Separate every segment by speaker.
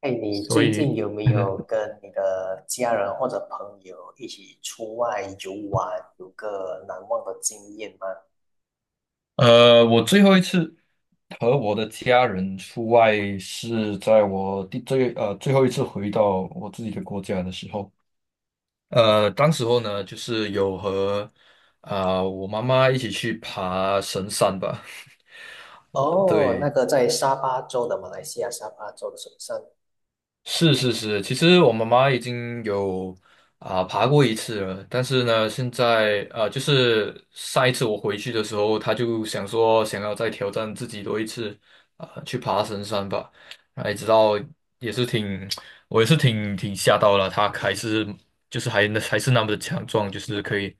Speaker 1: 哎，你
Speaker 2: 所
Speaker 1: 最近
Speaker 2: 以，
Speaker 1: 有没有
Speaker 2: 嗯，
Speaker 1: 跟你的家人或者朋友一起出外游玩，有个难忘的经验吗？
Speaker 2: 我最后一次和我的家人出外是在我最后一次回到我自己的国家的时候。当时候呢，就是有和我妈妈一起去爬神山吧。
Speaker 1: 哦，那
Speaker 2: 对。
Speaker 1: 个在沙巴州的马来西亚沙巴州的首山。
Speaker 2: 是是是，其实我妈妈已经爬过一次了，但是呢，现在，就是上一次我回去的时候，她就想说想要再挑战自己多一次，去爬神山吧。然后一直到也是挺 我也是挺吓到了。她还是就是还是那么的强壮，就是可以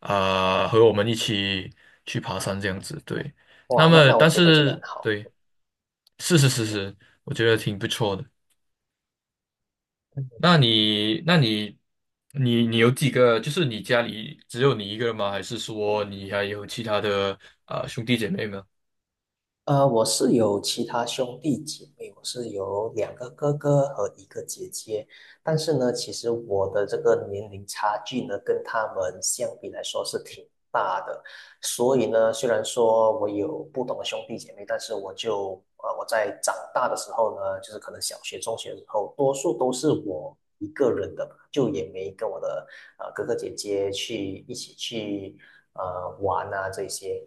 Speaker 2: 和我们一起去爬山这样子。对，
Speaker 1: 哇，
Speaker 2: 那
Speaker 1: 那
Speaker 2: 么
Speaker 1: 那我
Speaker 2: 但
Speaker 1: 觉得真的很
Speaker 2: 是
Speaker 1: 好。
Speaker 2: 对，是是是是，我觉得挺不错的。那你，那你，你，你有几个？就是你家里只有你一个人吗？还是说你还有其他的兄弟姐妹吗？
Speaker 1: 我是有其他兄弟姐妹，我是有两个哥哥和一个姐姐，但是呢，其实我的这个年龄差距呢，跟他们相比来说是挺大的。所以呢，虽然说我有不同的兄弟姐妹，但是我就我在长大的时候呢，就是可能小学、中学的时候，多数都是我一个人的嘛，就也没跟我的哥哥姐姐去一起去玩啊这些。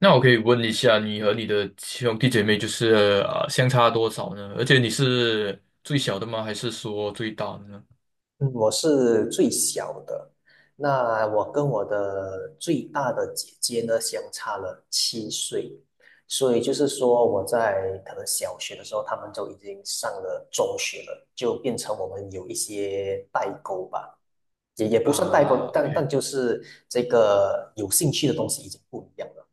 Speaker 2: 那我可以问一下，你和你的兄弟姐妹就是相差多少呢？而且你是最小的吗？还是说最大的呢？
Speaker 1: 嗯，我是最小的，那我跟我的最大的姐姐呢相差了7岁，所以就是说我在可能小学的时候，他们就已经上了中学了，就变成我们有一些代沟吧，也不算代沟，
Speaker 2: 啊
Speaker 1: 但
Speaker 2: ，OK。
Speaker 1: 但就是这个有兴趣的东西已经不一样了。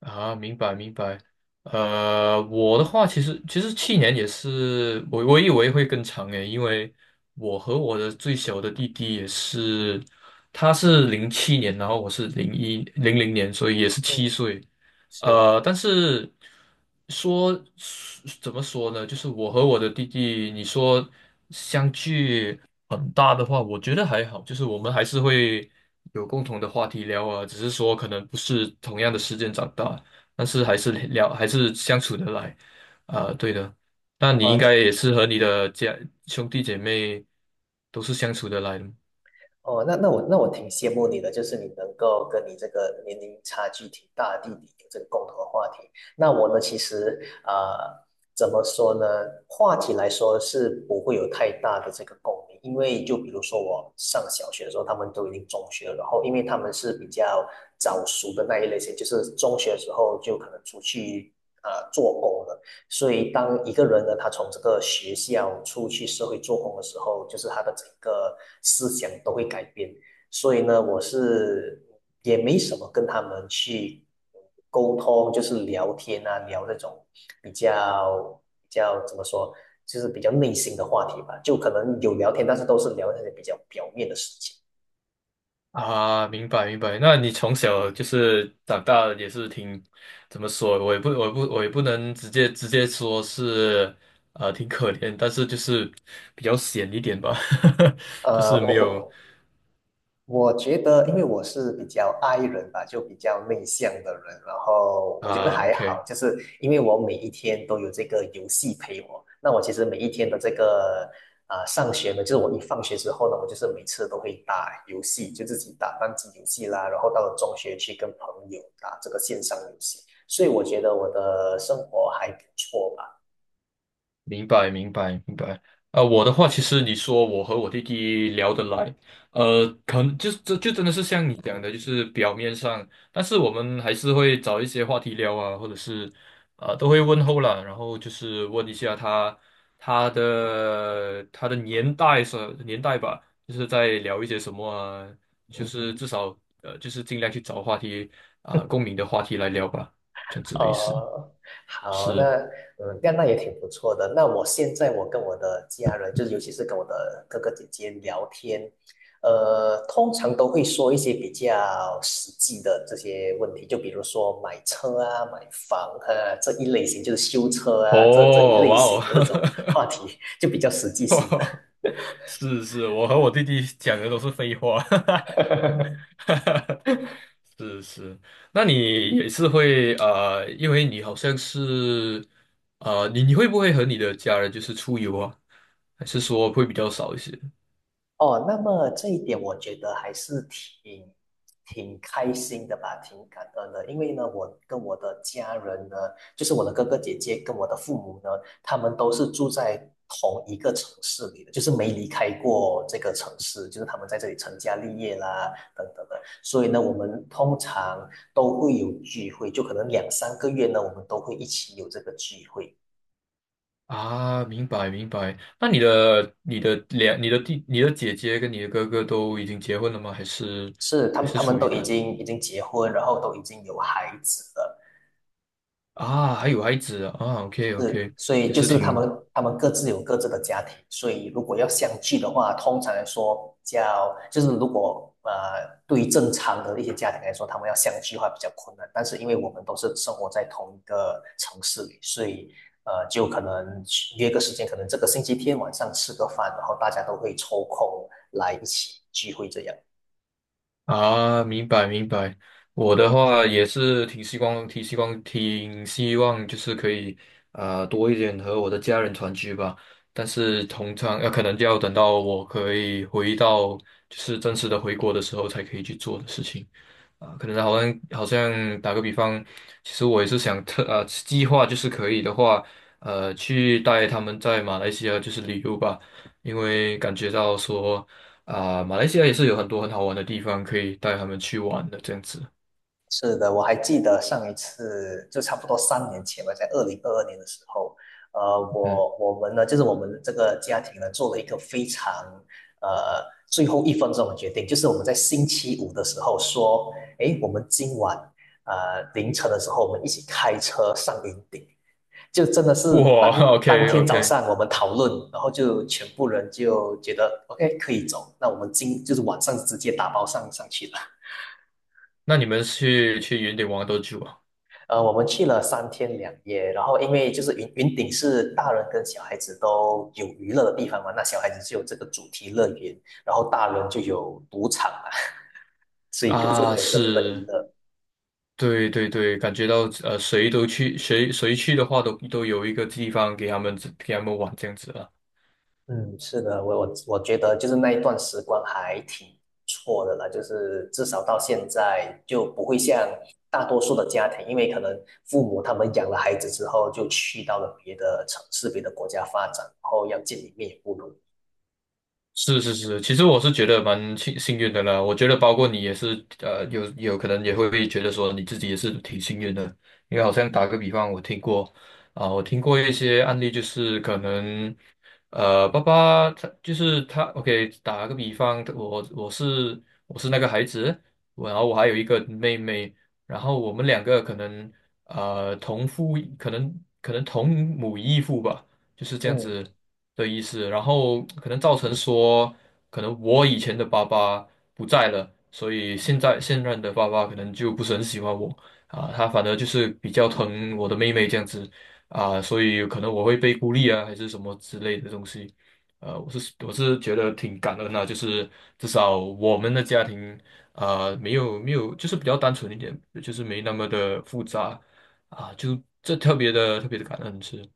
Speaker 2: 啊，明白明白。我的话其实去年也是，我以为会更长诶，因为我和我的最小的弟弟也是，他是2007年，然后我是2000年，所以也是
Speaker 1: 嗯，
Speaker 2: 7岁。
Speaker 1: 是
Speaker 2: 但是说怎么说呢？就是我和我的弟弟，你说相距很大的话，我觉得还好，就是我们还是会有共同的话题聊啊，只是说可能不是同样的时间长大，但是还是聊，还是相处得来啊，对的。那你
Speaker 1: 啊，
Speaker 2: 应该
Speaker 1: 那。
Speaker 2: 也是和你的兄弟姐妹都是相处得来的
Speaker 1: 哦，那我挺羡慕你的，就是你能够跟你这个年龄差距挺大的弟弟有这个共同的话题。那我呢，其实怎么说呢？话题来说是不会有太大的这个共鸣，因为就比如说我上小学的时候，他们都已经中学了，然后因为他们是比较早熟的那一类型，就是中学的时候就可能出去做工了。所以，当一个人呢，他从这个学校出去社会做工的时候，就是他的整个思想都会改变。所以呢，我是也没什么跟他们去沟通，就是聊天啊，聊那种比较比较怎么说，就是比较内心的话题吧。就可能有聊天，但是都是聊那些比较表面的事情。
Speaker 2: 啊。明白明白。那你从小就是长大也是挺，怎么说？我也不能直接说是，挺可怜，但是就是比较闲一点吧。就
Speaker 1: 呃，
Speaker 2: 是没
Speaker 1: 我
Speaker 2: 有
Speaker 1: 我我觉得，因为我是比较 i 人吧，就比较内向的人，然后我觉得
Speaker 2: 啊。
Speaker 1: 还
Speaker 2: OK，
Speaker 1: 好，就是因为我每一天都有这个游戏陪我，那我其实每一天的这个上学呢，就是我一放学之后呢，我就是每次都会打游戏，就自己打单机游戏啦，然后到了中学去跟朋友打这个线上游戏，所以我觉得我的生活还不错吧。
Speaker 2: 明白，明白，明白。我的话，其实你说我和我弟弟聊得来，可能就真的是像你讲的，就是表面上，但是我们还是会找一些话题聊啊，或者是都会问候啦。然后就是问一下他的年代是年代吧，就是在聊一些什么啊，就是至少就是尽量去找话题啊，共鸣的话题来聊吧，这样子的意思
Speaker 1: 哦，好，
Speaker 2: 是。
Speaker 1: 那，嗯，这样那也挺不错的。那我现在我跟我的家人，就是尤其是跟我的哥哥姐姐聊天，通常都会说一些比较实际的这些问题，就比如说买车啊、买房啊这一类型，就是修车啊这一
Speaker 2: 哦，
Speaker 1: 类
Speaker 2: 哇哦，
Speaker 1: 型的这种话 题，就比较实际性的。
Speaker 2: 是是，我和我弟弟讲的都是废话。是是。那你也是会，因为你好像是你会不会和你的家人就是出游啊？还是说会比较少一些
Speaker 1: 哦，那么这一点我觉得还是挺挺开心的吧，挺感恩的。因为呢，我跟我的家人呢，就是我的哥哥姐姐跟我的父母呢，他们都是住在同一个城市里的，就是没离开过这个城市，就是他们在这里成家立业啦，等等的。所以呢，我们通常都会有聚会，就可能两三个月呢，我们都会一起有这个聚会。
Speaker 2: 啊？明白明白。那你的姐姐跟你的哥哥都已经结婚了吗？还是
Speaker 1: 是，他
Speaker 2: 还
Speaker 1: 们
Speaker 2: 是
Speaker 1: 他们
Speaker 2: 处于
Speaker 1: 都已经已经结婚，然后都已经有孩子了。
Speaker 2: 啊？还有孩子啊？OK，
Speaker 1: 是，
Speaker 2: OK。
Speaker 1: 所以
Speaker 2: 也
Speaker 1: 就
Speaker 2: 是
Speaker 1: 是他
Speaker 2: 挺
Speaker 1: 们他们各自有各自的家庭，所以如果要相聚的话，通常来说叫就是如果对于正常的一些家庭来说，他们要相聚的话比较困难。但是因为我们都是生活在同一个城市里，所以就可能约个时间，可能这个星期天晚上吃个饭，然后大家都会抽空来一起聚会这样。
Speaker 2: 啊，明白明白。我的话也是挺希望，挺希望，挺希望就是可以多一点和我的家人团聚吧。但是通常可能就要等到我可以回到就是正式的回国的时候才可以去做的事情。啊，可能好像打个比方，其实我也是想计划，就是可以的话，去带他们在马来西亚就是旅游吧，因为感觉到说马来西亚也是有很多很好玩的地方可以带他们去玩的这样子。
Speaker 1: 是的，我还记得上一次就差不多3年前吧，在2022年的时候，呃，
Speaker 2: 嗯，
Speaker 1: 我我们呢，就是我们这个家庭呢，做了一个非常呃最后一分钟的决定，就是我们在星期五的时候说，诶，我们今晚凌晨的时候，我们一起开车上云顶，就真的是
Speaker 2: 哇
Speaker 1: 当当
Speaker 2: ，OK，
Speaker 1: 天早
Speaker 2: OK。
Speaker 1: 上我们讨论，然后就全部人就觉得 OK 可以走，那我们就是晚上直接打包上去了。
Speaker 2: 那你们去云顶玩多久啊？
Speaker 1: 我们去了3天2夜，然后因为就是云顶是大人跟小孩子都有娱乐的地方嘛，那小孩子就有这个主题乐园，然后大人就有赌场嘛，所以各自都
Speaker 2: 啊，
Speaker 1: 有各自的娱
Speaker 2: 是，
Speaker 1: 乐。
Speaker 2: 对对对。感觉到谁去的话都有一个地方给他们玩这样子啊。
Speaker 1: 嗯，是的，我觉得就是那一段时光还挺不错的啦，就是至少到现在就不会像大多数的家庭，因为可能父母他们养了孩子之后就去到了别的城市、别的国家发展，然后要见一面也不容易。
Speaker 2: 是是是，其实我是觉得蛮幸运的啦。我觉得包括你也是，有可能也会觉得说你自己也是挺幸运的。因为好像打个比方，我听过一些案例，就是可能，爸爸他就是他，OK，打个比方，我是那个孩子。我然后我还有一个妹妹，然后我们两个可能呃同父异可能可能同母异父吧。就是这样
Speaker 1: 嗯，
Speaker 2: 子的意思。然后可能造成说，可能我以前的爸爸不在了，所以现任的爸爸可能就不是很喜欢我啊，他反而就是比较疼我的妹妹这样子啊。所以可能我会被孤立啊，还是什么之类的东西。我是觉得挺感恩的，就是至少我们的家庭啊，没有没有，就是比较单纯一点，就是没那么的复杂啊。就这特别的特别的感恩是，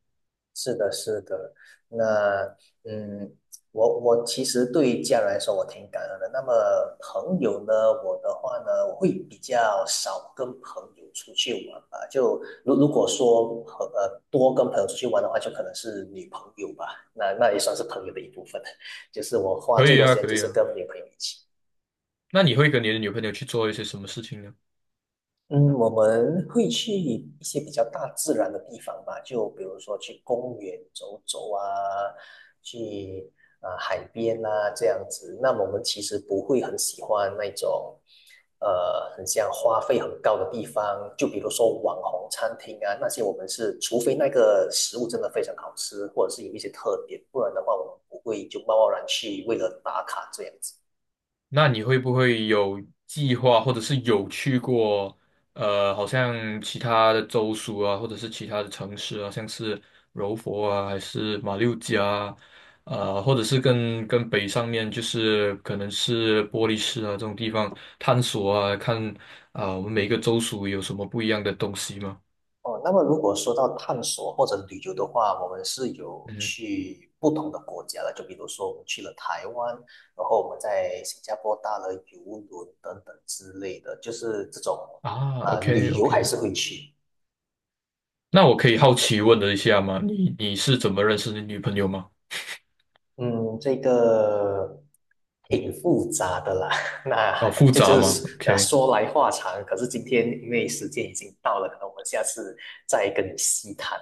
Speaker 1: 是的，是的，那，嗯，我其实对于家人来说，我挺感恩的。那么朋友呢，我的话呢，我会比较少跟朋友出去玩吧。就如果说和多跟朋友出去玩的话，就可能是女朋友吧，那那也算是朋友的一部分。就是我花
Speaker 2: 可
Speaker 1: 最
Speaker 2: 以
Speaker 1: 多时
Speaker 2: 啊，
Speaker 1: 间
Speaker 2: 可
Speaker 1: 就
Speaker 2: 以
Speaker 1: 是
Speaker 2: 啊。
Speaker 1: 跟女朋友一起。
Speaker 2: 那你会跟你的女朋友去做一些什么事情呢？
Speaker 1: 嗯，我们会去一些比较大自然的地方吧，就比如说去公园走走啊，去海边啊这样子。那么我们其实不会很喜欢那种很像花费很高的地方，就比如说网红餐厅啊那些，我们是除非那个食物真的非常好吃，或者是有一些特点，不然的话我们不会就贸贸然去为了打卡这样子。
Speaker 2: 那你会不会有计划，或者是有去过，好像其他的州属啊，或者是其他的城市啊，像是柔佛啊，还是马六甲啊，或者是跟北上面，就是可能是玻璃市啊这种地方探索啊，看啊，我们每个州属有什么不一样的东西吗？
Speaker 1: 哦，那么如果说到探索或者旅游的话，我们是有
Speaker 2: 嗯，
Speaker 1: 去不同的国家的，就比如说我们去了台湾，然后我们在新加坡搭了游轮等等之类的，就是这种
Speaker 2: 啊，OK，
Speaker 1: 旅游还
Speaker 2: OK。
Speaker 1: 是会去。
Speaker 2: 那我可以好奇问了一下吗？你是怎么认识你女朋友吗？
Speaker 1: 嗯，这个挺复杂的啦，
Speaker 2: 哦，
Speaker 1: 那
Speaker 2: 复
Speaker 1: 这
Speaker 2: 杂
Speaker 1: 就
Speaker 2: 吗
Speaker 1: 是啊
Speaker 2: ？OK。
Speaker 1: 说来话长。可是今天因为时间已经到了，可能我们下次再跟你细谈。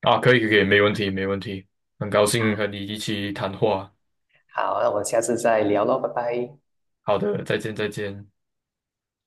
Speaker 2: 啊，可以，可以，没问题，没问题。很高兴和你一起谈话。
Speaker 1: 好，那我们下次再聊喽，拜拜。
Speaker 2: 好的，再见，再见。